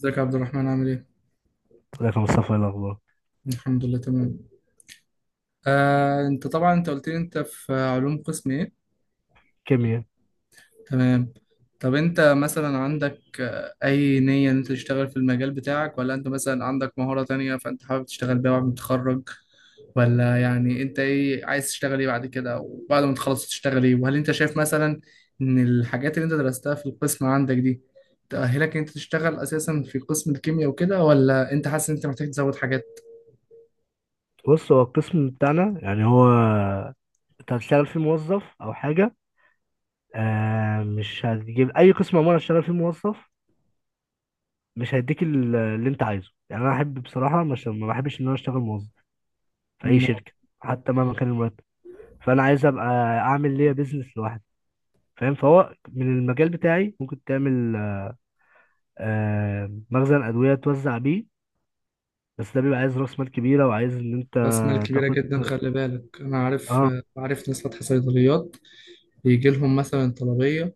ازيك يا عبد الرحمن، عامل ايه؟ ازيك يا مصطفى؟ ايه الاخبار؟ الحمد لله، تمام. انت طبعا قلت لي، انت في علوم قسم ايه؟ كيمياء. تمام. طب انت مثلا عندك اي نية ان انت تشتغل في المجال بتاعك، ولا انت مثلا عندك مهارة تانية فانت حابب تشتغل بيها بعد ما تتخرج؟ ولا يعني انت ايه عايز تشتغل ايه بعد كده؟ وبعد ما تخلص تشتغل ايه؟ وهل انت شايف مثلا ان الحاجات اللي انت درستها في القسم عندك دي تأهلك ان انت تشتغل اساسا في قسم الكيمياء وكده، ولا انت حاسس ان انت محتاج تزود حاجات؟ بص، هو القسم بتاعنا يعني هو انت هتشتغل فيه موظف او حاجه. آه، مش هتجيب اي قسم عموما هتشتغل فيه موظف. مش هيديك اللي انت عايزه، يعني انا احب بصراحه، مش ما بحبش ان انا اشتغل موظف في اي شركه حتى مهما كان المرتب. فانا عايز ابقى اعمل ليا بيزنس لوحدي. فاهم؟ فهو من المجال بتاعي ممكن تعمل مخزن ادويه توزع بيه، بس ده بيبقى عايز راس مال كبيره، وعايز ان انت راس مال كبيرة تاخد. جدا، خلي بالك. أنا عارف اه، عارف ناس فاتحة صيدليات، بيجي لهم مثلا طلبية.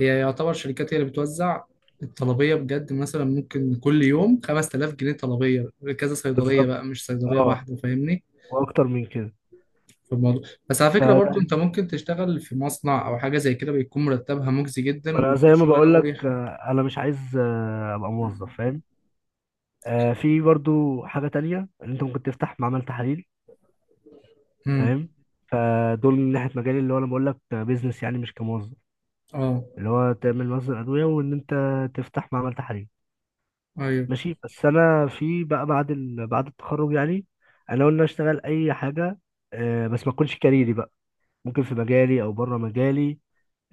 هي يعتبر شركات هي اللي بتوزع الطلبية بجد. مثلا ممكن كل يوم 5000 جنيه طلبية، كذا صيدلية بالظبط. بقى، مش صيدلية اه، واحدة. فاهمني واكتر من كده. في الموضوع؟ بس على فكرة برضو أنت فده، ممكن تشتغل في مصنع أو حاجة زي كده، بيكون مرتبها مجزي جدا ما انا وبيكون زي ما شغلانة بقول لك، مريحة. انا مش عايز ابقى موظف، فاهم؟ في برضو حاجه تانية، ان انت ممكن تفتح معمل تحاليل، امم. فاهم؟ فدول من ناحيه مجالي، اللي هو انا بقول لك بيزنس يعني مش كموظف، أه. اللي هو تعمل مصدر ادويه وان انت تفتح معمل تحاليل. أيوه. ماشي، بس انا في بقى بعد التخرج يعني، انا قلنا اشتغل اي حاجه، بس ما تكونش كاريري بقى، ممكن في مجالي او بره مجالي،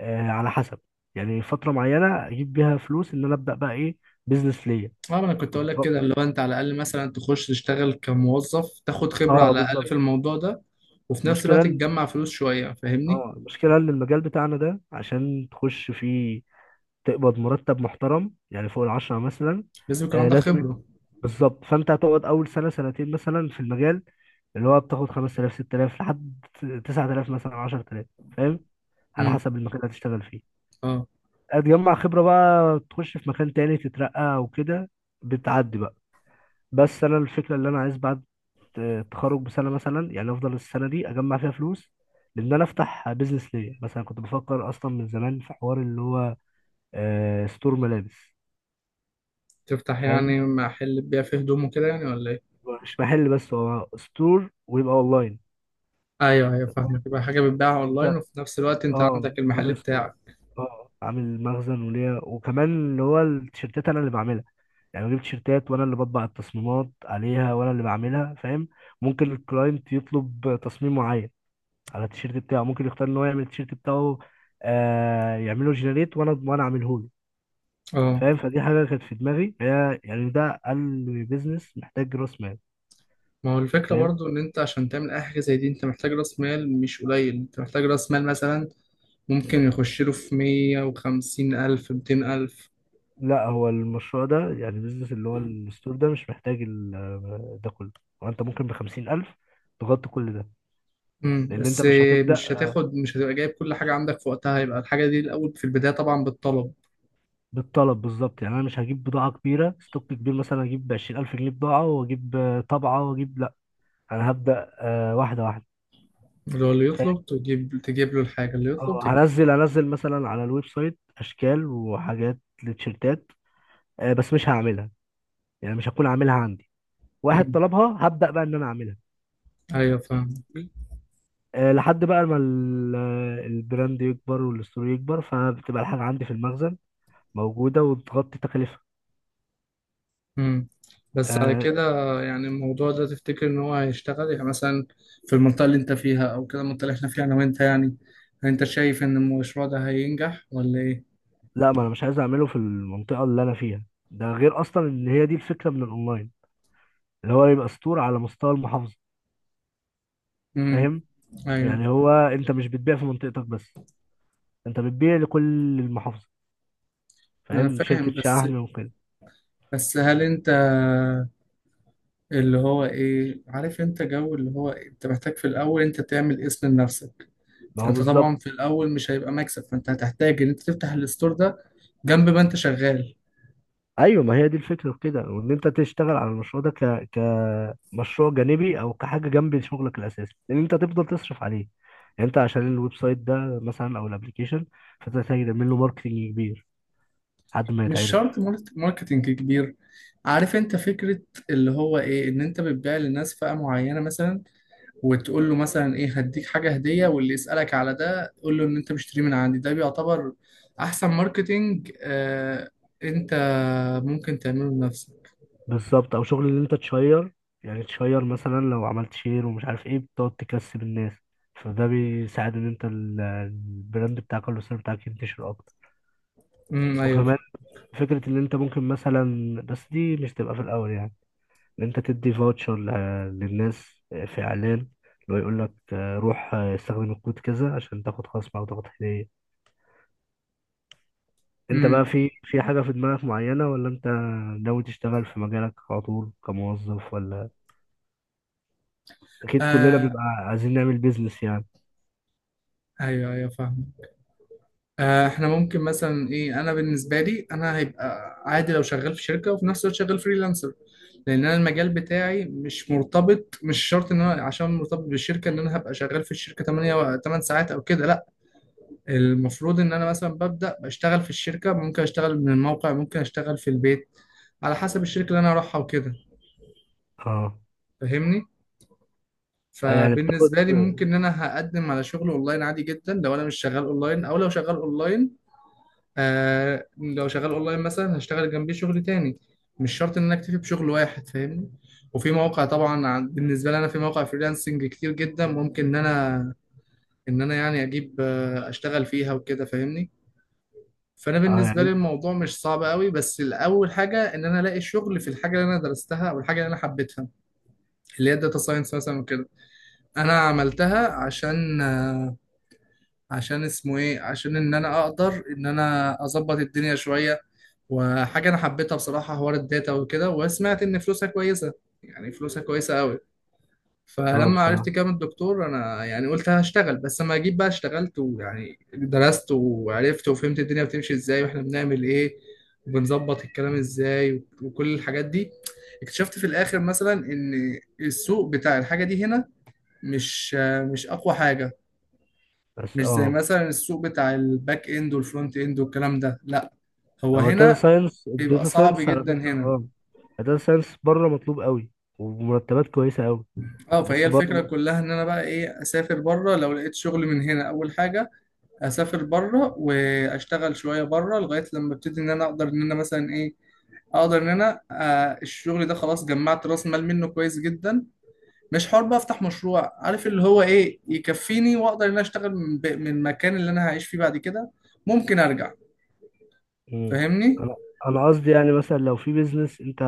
آه، على حسب. يعني فترة معينة أجيب بيها فلوس إن أنا أبدأ بقى إيه، بيزنس ليا. اه، انا كنت كنت اقول لك كده، بفكر، اللي هو انت على الاقل مثلا تخش تشتغل كموظف، تاخد خبره على أه الاقل بالظبط. في الموضوع ده، وفي نفس المشكلة الوقت إن- تجمع فلوس شويه، فاهمني. أه، المشكلة إن المجال بتاعنا ده عشان تخش فيه تقبض مرتب محترم يعني فوق 10 مثلا. لازم يكون آه، عندك لازم. خبره. بالظبط، فأنت هتقعد أول سنة سنتين مثلا في المجال اللي هو بتاخد 5,000 6,000 لحد 9,000 مثلا 10,000، فاهم؟ على امم. حسب المكان اللي هتشتغل فيه. اه، هتجمع خبرة بقى، تخش في مكان تاني، تترقى وكده، بتعدي بقى. بس انا الفكره اللي انا عايز بعد التخرج بسنه مثلا، يعني افضل السنه دي اجمع فيها فلوس، لان انا افتح بيزنس ليا. مثلا كنت بفكر اصلا من زمان في حوار اللي هو ستور ملابس. تفتح فاهم؟ يعني محل تبيع فيه هدوم وكده يعني، ولا ايه؟ هو مش محل بس، هو ستور ويبقى اونلاين. ايوه، ايوه، فاهمك. يبقى حاجه بتباع وانت، اونلاين، وفي نفس الوقت انت اه، عندك المحل عامل ستور، بتاعك. اه، عامل مخزن وليا، وكمان اللي هو التيشيرتات انا اللي بعملها. يعني بجيب تيشيرتات وانا اللي بطبع التصميمات عليها، وانا اللي بعملها، فاهم؟ ممكن الكلاينت يطلب تصميم معين على التيشيرت بتاعه، ممكن يختار ان هو يعمل التيشيرت بتاعه، آه، يعمله جنريت، وانا اعمله له. اه، فاهم؟ فدي حاجه كانت في دماغي، هي يعني ده اقل بيزنس محتاج راس مال. ما هو الفكره فاهم؟ برضو ان انت عشان تعمل اي حاجه زي دي انت محتاج راس مال مش قليل. انت محتاج راس مال مثلا ممكن يخش له في 150 ألف 200 ألف. لا، هو المشروع ده، يعني البيزنس اللي هو الستور ده، مش محتاج ده كله. وانت ممكن بـ50,000 تغطي كل ده. امم، لأن أنت بس مش هتبدأ. مش هتبقى جايب كل حاجة عندك في وقتها. هيبقى الحاجة دي الأول في البداية طبعا بالطلب. بالطلب، بالظبط. يعني أنا مش هجيب بضاعة كبيرة، ستوك كبير، مثلا هجيب بـ20,000 جنيه بضاعة، وأجيب طبعة، وأجيب لأ، أنا هبدأ واحدة واحدة. اللي هو اللي يطلب تجيب له الحاجة اللي يطلب اه، تجيب. هنزل مثلا على الويب سايت اشكال وحاجات لتيشيرتات، بس مش هعملها، يعني مش هكون عاملها عندي. واحد امم. طلبها، هبدأ بقى ان انا اعملها. أيوه، فاهم. لحد بقى ما البراند يكبر والستور يكبر، فبتبقى الحاجة عندي في المخزن موجودة، وبتغطي تكلفة. امم. بس على آه. كده يعني الموضوع ده تفتكر إن هو هيشتغل يعني مثلا في المنطقة اللي أنت فيها أو كده، المنطقة اللي إحنا فيها أنا وأنت يعني، أنت شايف إن المشروع ده هينجح ولا إيه؟ لا، ما انا مش عايز اعمله في المنطقة اللي انا فيها. ده غير اصلا ان هي دي الفكرة من الاونلاين، اللي هو يبقى ستور على مستوى المحافظة. امم. فاهم؟ أيوه، يعني هو انت مش بتبيع في منطقتك بس، انت بتبيع لكل المحافظة. ما أنا فاهم؟ شركة فاهم، بس شحن وكده. بس هل أنت اللي هو إيه، عارف أنت جو اللي هو إيه؟ أنت محتاج في الأول أنت تعمل اسم لنفسك. ما هو انت بالظبط. طبعا في الاول مش هيبقى مكسب، فانت هتحتاج ان انت تفتح الستور ده جنب ما انت شغال. ايوه، ما هي دي الفكرة في كده، وان انت تشتغل على المشروع ده كمشروع جانبي او كحاجة جنب شغلك الاساسي، لان انت تفضل تصرف عليه. يعني انت عشان الويب سايت ده مثلا او الابليكيشن، فانت محتاج تعمل له ماركتنج كبير لحد ما مش شرط يتعرف. ماركتينج كبير. عارف انت فكرة اللي هو ايه؟ ان انت بتبيع للناس فئة معينة مثلا، وتقول له مثلا ايه، هديك حاجة هدية. واللي يسألك على ده قول له ان انت مشتري من عندي، ده بيعتبر احسن ماركتينج. انت ممكن تعمله لنفسك. بالظبط، او شغل ان انت تشير، يعني تشير مثلا، لو عملت شير ومش عارف ايه، بتقعد تكسب الناس، فده بيساعد ان انت البراند بتاعك او السيرفيس بتاعك ينتشر اكتر. امم. ايوه. وكمان فكرة إن أنت ممكن مثلا، بس دي مش تبقى في الأول يعني، إن أنت تدي فاوتشر للناس في إعلان، اللي هو يقول لك روح استخدم الكود كذا عشان تاخد خصم أو تاخد هدية. أنت امم. بقى في حاجة في دماغك معينة، ولا أنت ناوي تشتغل في مجالك على طول كموظف؟ ولا أكيد كلنا آه. بيبقى عايزين نعمل بيزنس يعني. ايوه، ايوه، فاهم. احنا ممكن مثلا ايه. انا بالنسبه لي انا هيبقى عادي لو شغال في شركه وفي نفس الوقت شغال فريلانسر، لان انا المجال بتاعي مش مرتبط، مش شرط ان انا عشان مرتبط بالشركه ان انا هبقى شغال في الشركه 8 و 8 ساعات او كده، لا. المفروض ان انا مثلا ببدا بشتغل في الشركه ممكن اشتغل من الموقع، ممكن اشتغل في البيت، على حسب الشركه اللي انا اروحها وكده، أه. فاهمني. يعني بتاخد. فبالنسبه لي ممكن ان انا هقدم على شغل اونلاين عادي جدا، لو انا مش شغال اونلاين او لو شغال اونلاين. لو شغال اونلاين مثلا هشتغل جنبيه شغل تاني، مش شرط ان انا اكتفي بشغل واحد، فاهمني. وفي مواقع طبعا بالنسبه لي انا في مواقع فريلانسنج كتير جدا، ممكن ان انا يعني اجيب، اشتغل فيها وكده، فاهمني. فانا أه، بالنسبه لي يعني. الموضوع مش صعب قوي، بس الاول حاجه ان انا الاقي شغل في الحاجه اللي انا درستها او الحاجه اللي انا حبيتها، اللي هي الداتا ساينس مثلا وكده. انا عملتها عشان آه، عشان اسمه ايه عشان ان انا اقدر ان انا اظبط الدنيا شويه، وحاجة أنا حبيتها بصراحة حوار الداتا وكده، وسمعت إن فلوسها كويسة. يعني فلوسها كويسة أوي. أه، فلما عرفت بصراحة. كام الدكتور أنا يعني، قلت هشتغل. بس لما جيت بقى اشتغلت ويعني درست وعرفت وفهمت الدنيا بتمشي إزاي وإحنا بنعمل إيه وبنظبط الكلام إزاي وكل الحاجات دي، اكتشفت في الآخر مثلا إن السوق بتاع الحاجة دي هنا مش مش أقوى حاجة. بس مش زي أه، مثلا السوق بتاع الباك إند والفرونت إند والكلام ده، لأ. هو هو الداتا هنا ساينس، بيبقى الداتا صعب ساينس على جدا فكرة، هنا. أه الداتا ساينس بره مطلوب قوي، ومرتبات كويسة قوي. اه، فهي بس بره الفكرة مصر. كلها ان انا بقى ايه، اسافر بره لو لقيت شغل من هنا. اول حاجة اسافر بره واشتغل شوية بره لغاية لما ابتدي ان انا اقدر ان انا مثلا ايه اقدر ان انا آه الشغل ده خلاص جمعت راس مال منه كويس جدا، مش حر بقى افتح مشروع عارف اللي هو ايه، يكفيني. واقدر ان انا اشتغل من من المكان اللي انا هعيش فيه بعد كده، ممكن ارجع، مم. فاهمني. انا، انا قصدي يعني مثلا لو في بيزنس انت،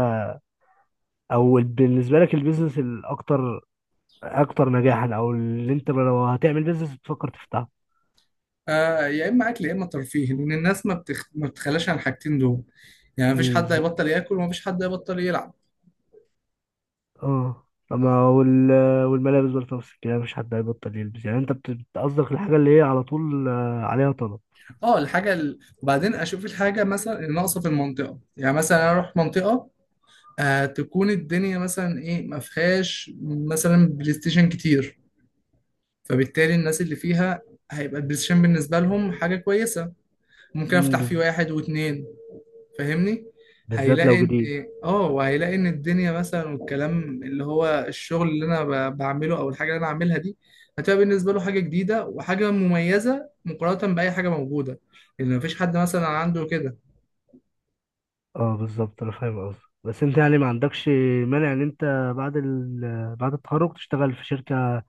او بالنسبه لك البيزنس اكتر نجاحا، او اللي انت لو هتعمل بيزنس بتفكر تفتحه. آه، يا اما اكل يا اما ترفيه، لان الناس ما بتخلاش عن الحاجتين دول. يعني مفيش امم، حد بالظبط. هيبطل ياكل ومفيش حد هيبطل يلعب. اه، طب ما والملابس برضه نفس الكلام، مش حد هيبطل يلبس، يعني انت بتقصدك الحاجه اللي هي على طول عليها طلب. اه، وبعدين اشوف الحاجه مثلا اللي ناقصه في المنطقه. يعني مثلا انا اروح منطقه تكون الدنيا مثلا ما فيهاش مثلا بلاي ستيشن كتير، فبالتالي الناس اللي فيها هيبقى البلاي ستيشن بالنسبه لهم حاجه كويسه، ممكن امم افتح بز... فيه واحد واتنين، فاهمني. بالذات لو هيلاقي ان، جديد. اه وهيلاقي ان الدنيا مثلا، والكلام اللي هو الشغل اللي انا بعمله او الحاجه اللي انا عاملها دي هتبقى بالنسبه له حاجه جديده وحاجه مميزه مقارنه باي حاجه موجوده، لان مفيش حد مثلا عنده كده. اه بالظبط، انا فاهم قصدك، بس انت يعني ما عندكش مانع ان انت بعد التخرج تشتغل في شركه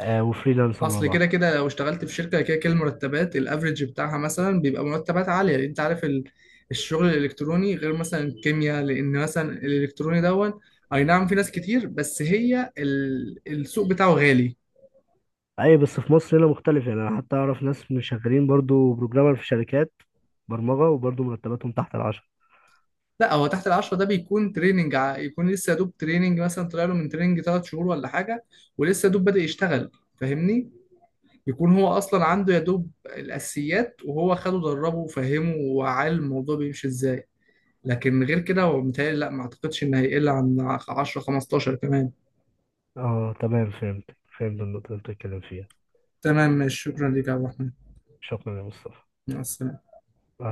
وفريلانسر مع اصل بعض. كده كده لو اشتغلت في شركه، كده كده المرتبات الافريج بتاعها مثلا بيبقى مرتبات عاليه، لان انت عارف الشغل الالكتروني غير مثلا الكيمياء، لان مثلا الالكتروني دون. اي نعم، في ناس كتير بس هي السوق بتاعه غالي. اي بس في مصر هنا مختلف، يعني انا حتى اعرف ناس مش شغالين برضو بروجرامر في شركات برمجة، وبرضو مرتباتهم تحت 10. لا، هو تحت العشرة ده بيكون تريننج. يكون لسه يا دوب تريننج، مثلا طلع له من تريننج 3 شهور ولا حاجه، ولسه يا دوب بادئ يشتغل، فاهمني. يكون هو اصلا عنده يا دوب الاساسيات، وهو خده دربه وفهمه وعلم الموضوع بيمشي ازاي. لكن غير كده هو متهيألي، لا، ما اعتقدش ان هيقل عن 10 15 كمان. اه تمام، فهمت. فهمت النقطة اللي بتتكلم فيها. تمام، ماشي. شكرا ليك يا عبد الرحمن. شكرا يا مصطفى. مع السلامة. آه.